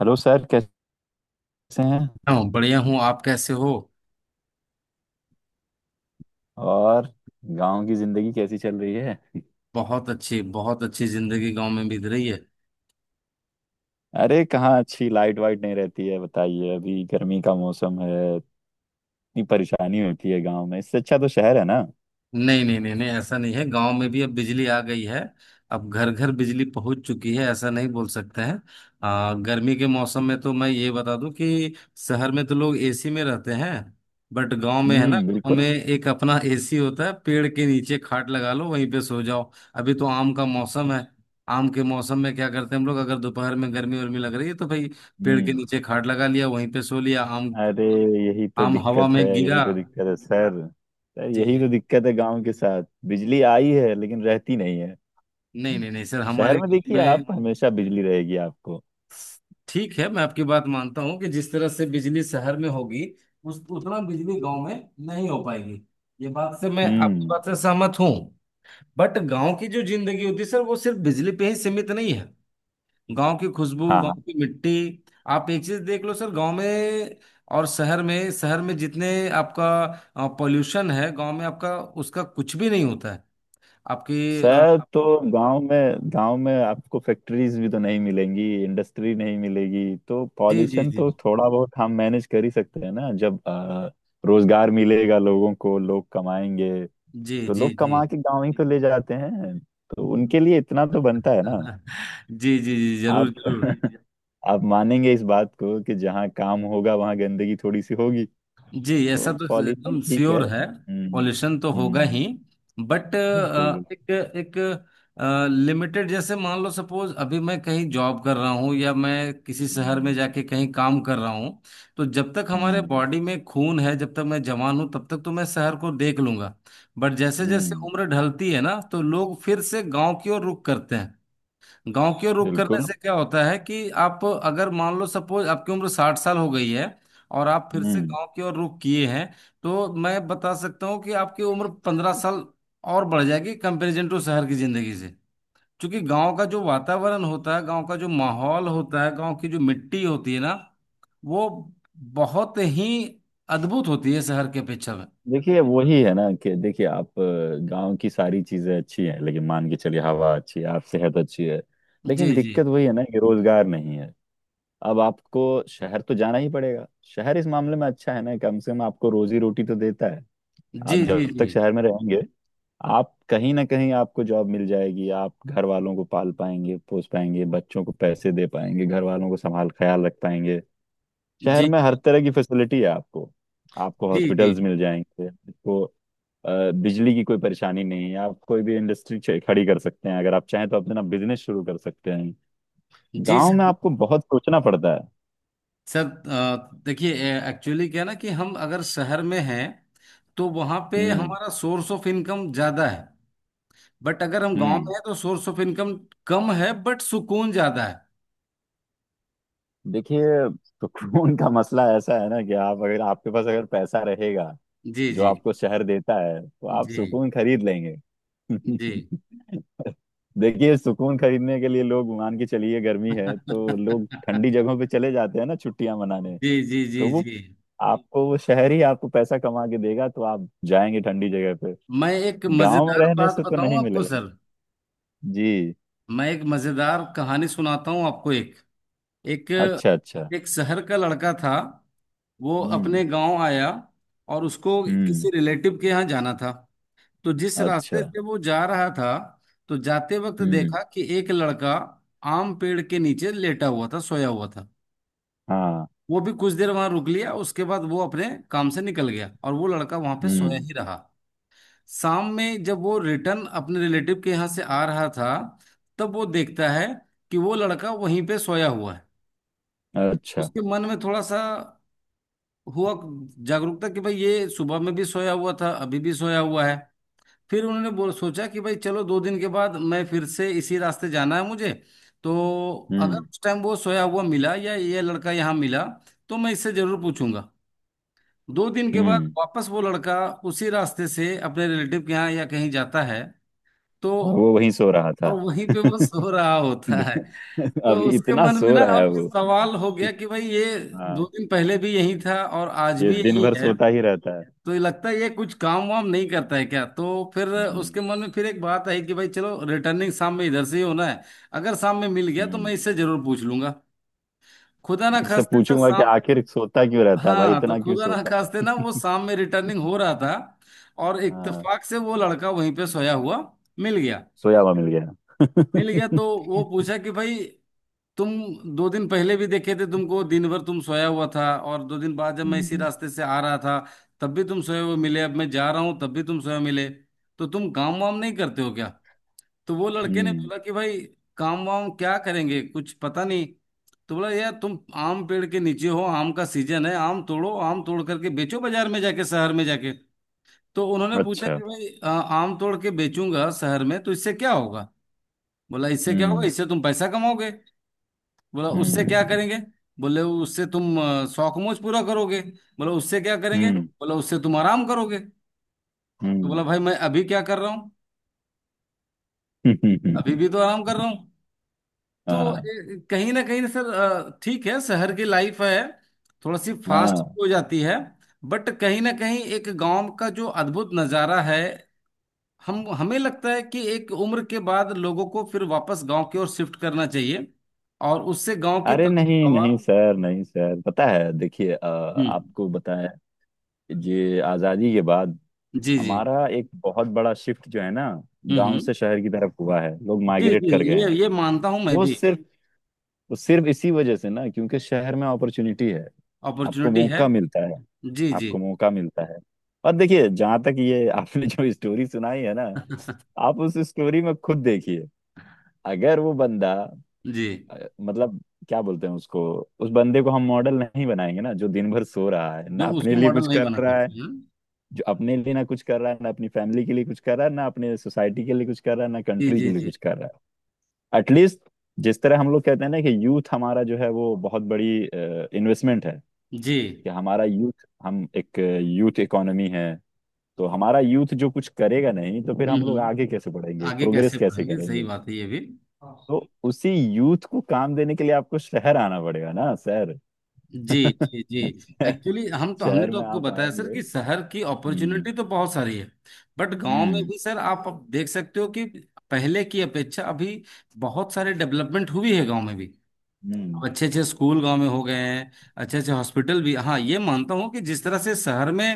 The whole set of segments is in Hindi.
हेलो सर, कैसे हैं? हूँ, बढ़िया हूँ। आप कैसे हो? और गांव की जिंदगी कैसी चल रही है? बहुत अच्छी, बहुत अच्छी जिंदगी गांव में बीत रही है। अरे कहाँ अच्छी! लाइट वाइट नहीं रहती है, बताइए। अभी गर्मी का मौसम है, इतनी परेशानी होती है गांव में। इससे अच्छा तो शहर है ना। नहीं, नहीं, नहीं, नहीं, ऐसा नहीं है। गांव में भी अब बिजली आ गई है। अब घर घर बिजली पहुंच चुकी है, ऐसा नहीं बोल सकते हैं। गर्मी के मौसम में तो मैं ये बता दूं कि शहर में तो लोग एसी में रहते हैं। बट गांव में, है ना, हम्म, गांव बिल्कुल। में एक अपना एसी होता है। पेड़ के नीचे खाट लगा लो, वहीं पे सो जाओ। अभी तो आम का मौसम है। आम के मौसम में क्या करते हैं हम लोग, अगर दोपहर में गर्मी वर्मी लग रही है तो भाई पेड़ के हम्म। नीचे खाट लगा लिया, वहीं पे सो लिया। आम, अरे, यही तो आम हवा दिक्कत में है, यही गिरा। तो दिक्कत है सर। सर, जी, यही जी। तो दिक्कत है गांव के साथ। बिजली आई है लेकिन रहती नहीं है। नहीं, हम्म। नहीं, नहीं सर, शहर हमारे में गाँव देखिए, में। आप हमेशा बिजली रहेगी आपको। ठीक है, मैं आपकी बात मानता हूँ कि जिस तरह से बिजली शहर में होगी, उस उतना बिजली गांव में नहीं हो पाएगी। ये बात से मैं आपकी हम्म। बात से सहमत हूँ। बट गांव की जो जिंदगी होती है सर, वो सिर्फ बिजली पे ही सीमित नहीं है। गांव की खुशबू, गांव हाँ। की मिट्टी। आप एक चीज देख लो सर, गांव में और शहर में जितने आपका पॉल्यूशन है, गांव में आपका उसका कुछ भी नहीं होता है। आपकी, अ, सर, तो गांव में आपको फैक्ट्रीज भी तो नहीं मिलेंगी, इंडस्ट्री नहीं मिलेगी, तो जी, जी, पॉल्यूशन जी, तो थोड़ा बहुत हम मैनेज कर ही सकते हैं ना। जब रोजगार मिलेगा लोगों को, लोग कमाएंगे, जी, तो जी, लोग जी। कमा के गांव ही तो ले जाते हैं, तो उनके लिए इतना तो बनता है ना। जी, जी, जी, जरूर, आप जरूर। आप मानेंगे इस बात को कि जहाँ काम होगा वहाँ गंदगी थोड़ी सी होगी। जी, ऐसा तो तो पॉल्यूशन एकदम ठीक है। श्योर है। हम्म। पॉल्यूशन तो होगा ही। हम्म, बट बिल्कुल बिल्कुल। एक एक लिमिटेड, जैसे मान लो, सपोज अभी मैं कहीं जॉब कर रहा हूँ या मैं किसी शहर में हम्म। जाके कहीं काम कर रहा हूँ। तो जब तक हमारे हम्म। बॉडी में खून है, जब तक मैं जवान हूँ, तब तक तो मैं शहर को देख लूंगा। बट जैसे जैसे हम्म, उम्र ढलती है ना, तो लोग फिर से गांव की ओर रुख करते हैं। गांव की ओर रुख करने बिल्कुल। से क्या होता है कि आप अगर मान लो, सपोज आपकी उम्र 60 साल हो गई है, और आप फिर से हम्म। गांव की ओर रुख किए हैं, तो मैं बता सकता हूँ कि आपकी उम्र 15 साल और बढ़ जाएगी कंपेरिजन टू शहर की जिंदगी से। क्योंकि गांव का जो वातावरण होता है, गांव का जो माहौल होता है, गांव की जो मिट्टी होती है ना, वो बहुत ही अद्भुत होती है शहर के अपेक्षा में। देखिए, वही है ना कि देखिए, आप गांव की सारी चीजें अच्छी हैं, लेकिन मान के चलिए हवा अच्छी है, आप सेहत अच्छी है, जी, लेकिन जी, दिक्कत वही है ना कि रोजगार नहीं है। अब आपको शहर तो जाना ही पड़ेगा। शहर इस मामले में अच्छा है ना, कम से कम आपको रोजी रोटी तो देता है। आप जी, जी, जब तक जी, शहर में रहेंगे, आप कहीं ना कहीं आपको जॉब मिल जाएगी, आप घर वालों को पाल पाएंगे, पोस पाएंगे, बच्चों को पैसे दे पाएंगे, घर वालों को संभाल ख्याल रख पाएंगे। शहर जी, में हर तरह की फैसिलिटी है आपको। आपको जी, जी, जी, हॉस्पिटल्स मिल जाएंगे आपको। बिजली की कोई परेशानी नहीं है, आप कोई भी इंडस्ट्री खड़ी कर सकते हैं, अगर आप चाहें तो अपना बिजनेस शुरू कर सकते हैं। जी गांव में सर, आपको बहुत सोचना पड़ता है। सर, देखिए। एक्चुअली क्या है ना कि हम अगर शहर में हैं, तो वहां पे हम्म। हमारा सोर्स ऑफ इनकम ज्यादा है। बट अगर हम गांव में हम्म। हैं तो सोर्स ऑफ इनकम कम है, बट सुकून ज्यादा है। देखिए, सुकून का मसला ऐसा है ना कि आप अगर, आपके पास अगर पैसा रहेगा जी, जो जी, आपको शहर देता है, तो आप जी, सुकून खरीद लेंगे। जी। देखिए, सुकून खरीदने के लिए लोग मान के चलिए गर्मी है तो लोग ठंडी जगहों पे चले जाते हैं ना, छुट्टियां मनाने। जी, जी, जी, तो वो जी। आपको वो शहर ही आपको पैसा कमा के देगा, तो आप जाएंगे ठंडी जगह पे। मैं एक गांव में मजेदार रहने बात से तो बताऊं नहीं आपको मिलेगा। सर, जी। मैं एक मजेदार कहानी सुनाता हूं आपको। एक एक अच्छा अच्छा। एक शहर का लड़का था। वो हम्म। अपने गांव आया, और उसको हम्म। किसी रिलेटिव के यहाँ जाना था। तो जिस अच्छा। रास्ते से वो जा रहा था, तो जाते वक्त हम्म। देखा कि एक लड़का आम पेड़ के नीचे लेटा हुआ था, सोया हुआ था। हाँ। वो भी कुछ देर वहां रुक लिया, उसके बाद वो अपने काम से निकल गया, और वो लड़का वहां पे सोया हम्म। ही रहा। शाम में जब वो रिटर्न अपने रिलेटिव के यहाँ से आ रहा था, तब वो देखता है कि वो लड़का वहीं पे सोया हुआ है। अच्छा। उसके मन में थोड़ा सा हुआ जागरूकता कि भाई ये सुबह में भी सोया हुआ था, अभी भी सोया हुआ है। फिर उन्होंने बोल सोचा कि भाई चलो, दो दिन के बाद मैं फिर से इसी रास्ते जाना है मुझे, तो अगर हम्म। उस टाइम वो सोया हुआ मिला, या ये लड़का यहाँ मिला, तो मैं इससे जरूर पूछूंगा। दो दिन के बाद हम्म। वापस वो लड़का उसी रास्ते से अपने रिलेटिव के यहाँ या कहीं जाता है, तो और वो वहीं सो रहा और था। वहीं पे वो सो रहा होता है। तो अब उसके इतना मन में सो ना रहा है अब वो। सवाल हो गया कि भाई ये दो हाँ, दिन पहले भी यही था, और आज ये भी दिन यही भर है। सोता ही रहता है। तो ये लगता है, ये कुछ काम वाम नहीं करता है क्या? तो फिर उसके हम्म। मन में फिर एक बात आई कि भाई चलो, रिटर्निंग शाम में इधर से ही होना है, अगर शाम में मिल गया तो हम्म। मैं इससे जरूर पूछ लूंगा। खुदा ना इससे खास्ते सर, पूछूंगा कि शाम। आखिर सोता क्यों रहता है, भाई हाँ, तो इतना क्यों खुदा ना सोता खास्ते ना, है? वो शाम में रिटर्निंग हो रहा था, और हाँ, इत्तेफाक से वो लड़का वहीं पे सोया हुआ मिल गया, सोया हुआ मिल मिल गया। गया। तो वो पूछा कि भाई तुम दो दिन पहले भी देखे थे, तुमको दिन भर तुम सोया हुआ था, और दो दिन बाद जब मैं इसी हम्म। रास्ते से आ रहा था तब भी तुम सोए हुए मिले, अब मैं जा रहा हूँ तब भी तुम सोए मिले, तो तुम काम वाम नहीं करते हो क्या? तो वो लड़के ने हम्म। बोला कि भाई, काम वाम क्या करेंगे, कुछ पता नहीं। तो बोला, यार तुम आम पेड़ के नीचे हो, आम का सीजन है, आम तोड़ो, आम तोड़ करके बेचो, बाजार में जाके, शहर में जाके। तो उन्होंने पूछा कि अच्छा। भाई आम तोड़ के बेचूंगा शहर में तो इससे क्या होगा? बोला, इससे क्या होगा? हम्म। इससे तुम पैसा कमाओगे। बोला, उससे हम्म। क्या करेंगे? बोले, उससे तुम शौक मौज पूरा करोगे। बोला, उससे क्या करेंगे? हम्म। बोला, उससे तुम आराम करोगे। तो बोला, हम्म। भाई मैं अभी क्या कर रहा हूँ, अभी हम्म। भी तो आराम कर रहा हूँ। तो हाँ। कहीं ना कहीं सर, ठीक है, शहर की लाइफ है, थोड़ा सी फास्ट हाँ। हो जाती है। बट कहीं ना कहीं एक गांव का जो अद्भुत नज़ारा है, हम हमें लगता है कि एक उम्र के बाद लोगों को फिर वापस गांव की ओर शिफ्ट करना चाहिए। और उससे गांव की अरे ताज़ा नहीं हवा। नहीं सर, नहीं सर, पता है, देखिए हम्म। आपको बताएं, ये आज़ादी के बाद जी, जी। हमारा एक बहुत बड़ा शिफ्ट जो है ना, हम्म, गांव हम्म। से शहर की तरफ हुआ है, लोग जी, माइग्रेट जी। कर गए ये हैं। ये मानता हूं मैं वो भी। सिर्फ वो सिर्फ इसी वजह से ना, क्योंकि शहर में अपॉर्चुनिटी है। आपको अपॉर्चुनिटी है। मौका मिलता है। जी, जी। आपको मौका मिलता है। और देखिए, जहां तक ये आपने जो स्टोरी सुनाई है ना, आप उस स्टोरी में खुद देखिए। अगर वो बंदा, जी। मतलब क्या बोलते हैं उसको, उस बंदे को हम मॉडल नहीं बनाएंगे ना, जो दिन भर सो रहा है, ना जो अपने उसको लिए कुछ मॉडल नहीं कर बना रहा है। सकते हैं। जो अपने लिए ना कुछ कर रहा है, ना अपनी फैमिली के लिए कुछ कर रहा है, ना अपने सोसाइटी के लिए कुछ कर रहा है, ना जी, कंट्री के जी, लिए जी, कुछ कर रहा है। एटलीस्ट, जिस तरह हम लोग कहते हैं ना कि यूथ हमारा जो है वो बहुत बड़ी इन्वेस्टमेंट है। जी। कि हमारा यूथ, हम एक यूथ इकोनॉमी है। तो हमारा यूथ जो कुछ करेगा नहीं, तो फिर हम्म, हम लोग आगे कैसे बढ़ेंगे, आगे प्रोग्रेस कैसे कैसे बढ़ेंगे, सही करेंगे? बात है ये भी। तो उसी यूथ को काम देने के लिए आपको शहर आना पड़ेगा ना, शहर। जी, जी, जी। एक्चुअली हम तो हमने शहर तो में आपको आप बताया सर आएंगे। कि शहर की हम्म। अपॉर्चुनिटी तो बहुत सारी है। बट गांव में हम्म। भी सर, आप अब देख सकते हो कि पहले की अपेक्षा अभी बहुत सारे डेवलपमेंट हुई है गांव में भी। हम्म। अच्छे अच्छे स्कूल गांव में हो गए हैं। अच्छे अच्छे हॉस्पिटल भी, हाँ ये मानता हूँ कि जिस तरह से शहर में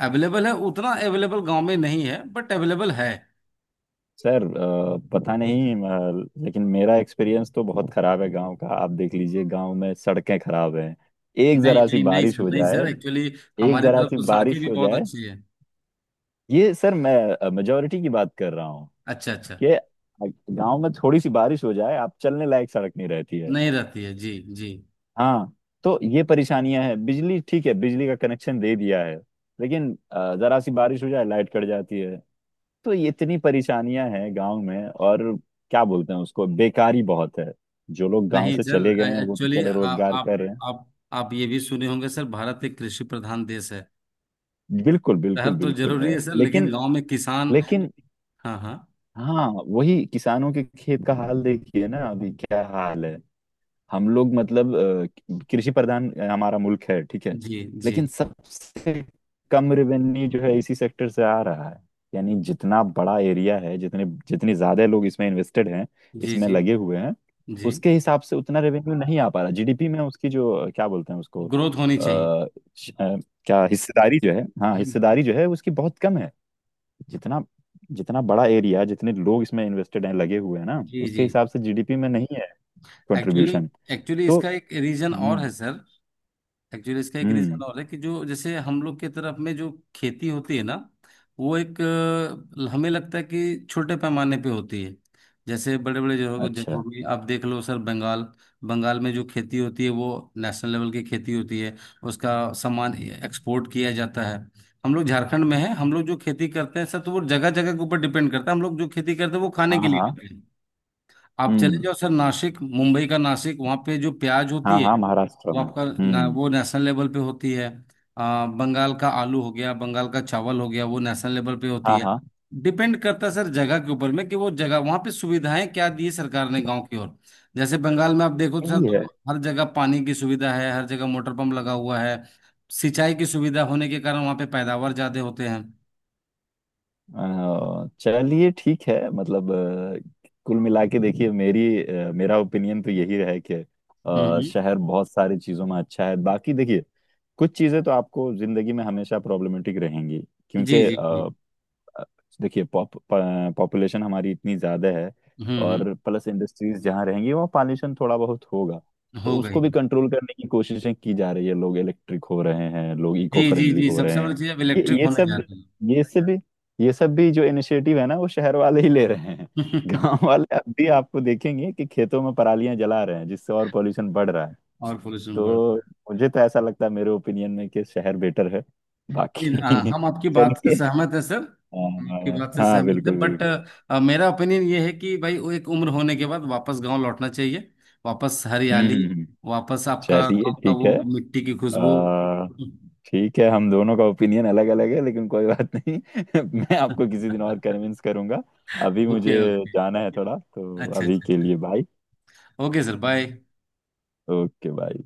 अवेलेबल है उतना अवेलेबल गांव में नहीं है, बट अवेलेबल है। सर पता नहीं, लेकिन मेरा एक्सपीरियंस तो बहुत खराब है गांव का। आप देख लीजिए, गांव में सड़कें खराब हैं, एक नहीं, जरा सी नहीं, नहीं बारिश सर, हो नहीं सर, जाए। एक्चुअली एक हमारे जरा तरफ सी तो सड़कें बारिश भी हो बहुत जाए, अच्छी है। ये सर मैं मेजोरिटी की बात कर रहा हूँ अच्छा, अच्छा। कि गांव में थोड़ी सी बारिश हो जाए, आप चलने लायक सड़क नहीं रहती है। नहीं रहती है, जी। जी। हाँ। तो ये परेशानियां हैं। बिजली ठीक है, बिजली का कनेक्शन दे दिया है, लेकिन जरा सी बारिश हो जाए, लाइट कट जाती है। तो ये इतनी परेशानियां हैं गांव में। और क्या बोलते हैं उसको, बेकारी बहुत है। जो लोग गांव नहीं से चले गए सर, हैं वो तो एक्चुअली चलो रोजगार कर रहे हैं। आप आप ये भी सुने होंगे सर, भारत एक कृषि प्रधान देश है। बिल्कुल शहर बिल्कुल तो बिल्कुल जरूरी है, है सर, लेकिन लेकिन गांव फिर में किसान। गाँव में, लेकिन, हाँ, हाँ। हाँ, वही किसानों के खेत का हाल देखिए ना, अभी क्या हाल है। हम लोग मतलब, कृषि प्रधान हमारा मुल्क है ठीक है। जी, जी, लेकिन सबसे कम रेवेन्यू जो है इसी सेक्टर से आ रहा है। यानी जितना बड़ा एरिया है, जितने जितने ज्यादा लोग इसमें इन्वेस्टेड हैं, जी, इसमें जी, लगे हुए हैं, जी। उसके हिसाब से उतना रेवेन्यू नहीं आ पा रहा जीडीपी में। उसकी जो क्या बोलते हैं उसको, ग्रोथ होनी चाहिए। श- अ, क्या हिस्सेदारी जो है, हाँ हम्म, हिस्सेदारी जो है उसकी बहुत कम है। जितना जितना बड़ा एरिया, जितने लोग इसमें इन्वेस्टेड हैं, लगे हुए हैं ना, जी, उसके जी। हिसाब से जीडीपी में नहीं है एक्चुअली कंट्रीब्यूशन। एक्चुअली इसका एक रीजन और हम्म। है सर। एक्चुअली इसका एक हम्म। रीजन और है कि जो, जैसे हम लोग के तरफ में जो खेती होती है ना, वो एक, हमें लगता है कि छोटे पैमाने पे होती है। जैसे बड़े बड़े जगहों जगहों अच्छा। में आप देख लो सर, बंगाल, बंगाल में जो खेती होती है वो नेशनल लेवल की खेती होती है, उसका सामान एक्सपोर्ट किया जाता है। हम लोग झारखंड में है, हम लोग जो खेती करते हैं सर, तो वो जगह जगह के ऊपर डिपेंड करता है। हम लोग जो खेती करते हैं वो खाने के हाँ लिए हाँ। करते हैं। आप चले हम्म। जाओ सर नासिक, मुंबई का नासिक, वहाँ पे जो प्याज होती हाँ है, हाँ, महाराष्ट्र वो में। आपका ना, हम्म। वो नेशनल लेवल पे होती है। बंगाल का आलू हो गया, बंगाल का चावल हो गया, वो नेशनल लेवल पे होती हाँ है। हाँ। डिपेंड करता है सर जगह के ऊपर में कि वो जगह वहाँ पे सुविधाएं क्या दी है सरकार ने गांव की ओर। जैसे बंगाल में आप देखो तो सर, सही है। तो हर जगह पानी की सुविधा है, हर जगह मोटर पंप लगा हुआ है। सिंचाई की सुविधा होने के कारण वहाँ पे पैदावार ज्यादा होते हैं। चलिए ठीक है, मतलब कुल मिला के देखिए, मेरी मेरा ओपिनियन तो यही है कि हम्म, शहर बहुत सारी चीज़ों में अच्छा है। बाकी देखिए, कुछ चीज़ें तो आपको जिंदगी में हमेशा प्रॉब्लमेटिक रहेंगी, जी, क्योंकि जी, जी। अ, देखिए, पॉपुलेशन हमारी इतनी ज़्यादा है, हम्म, हम्म। और प्लस इंडस्ट्रीज जहाँ रहेंगी वहाँ पॉल्यूशन थोड़ा बहुत होगा। तो हो गई। उसको भी कंट्रोल करने की कोशिशें की जा रही है, लोग इलेक्ट्रिक हो रहे हैं, लोग इको जी, जी, फ्रेंडली जी, हो सबसे रहे बड़ी हैं। चीज़ अब ये इलेक्ट्रिक ये होने जा सब रही ये सब भी ये सब भी जो इनिशिएटिव है ना, वो शहर वाले ही ले रहे हैं। है। गांव वाले अब भी आपको देखेंगे कि खेतों में परालियां जला रहे हैं, जिससे और पॉल्यूशन बढ़ रहा है। और पोल्यूशन बढ़ तो रहा है। मुझे तो ऐसा लगता है, मेरे ओपिनियन में, कि शहर बेटर है। जी, हाँ, बाकी हम आपकी बात से चलिए। सहमत है सर। हम आपकी हाँ बात से हाँ, सहमत है, बिल्कुल बट बिल्कुल। मेरा ओपिनियन ये है कि भाई वो एक उम्र होने के बाद वापस गांव लौटना चाहिए। वापस हम्म। हरियाली, हम्म। हम्म। वापस आपका चलिए गांव का ठीक है। वो मिट्टी की खुशबू। आ, ठीक है, हम दोनों का ओपिनियन अलग अलग है, लेकिन कोई बात नहीं। मैं आपको किसी दिन और कन्विंस करूंगा। अभी मुझे ओके, ओके। जाना है थोड़ा, तो अच्छा, अभी अच्छा, के अच्छा। लिए bye. Okay sir, bye. Okay bye.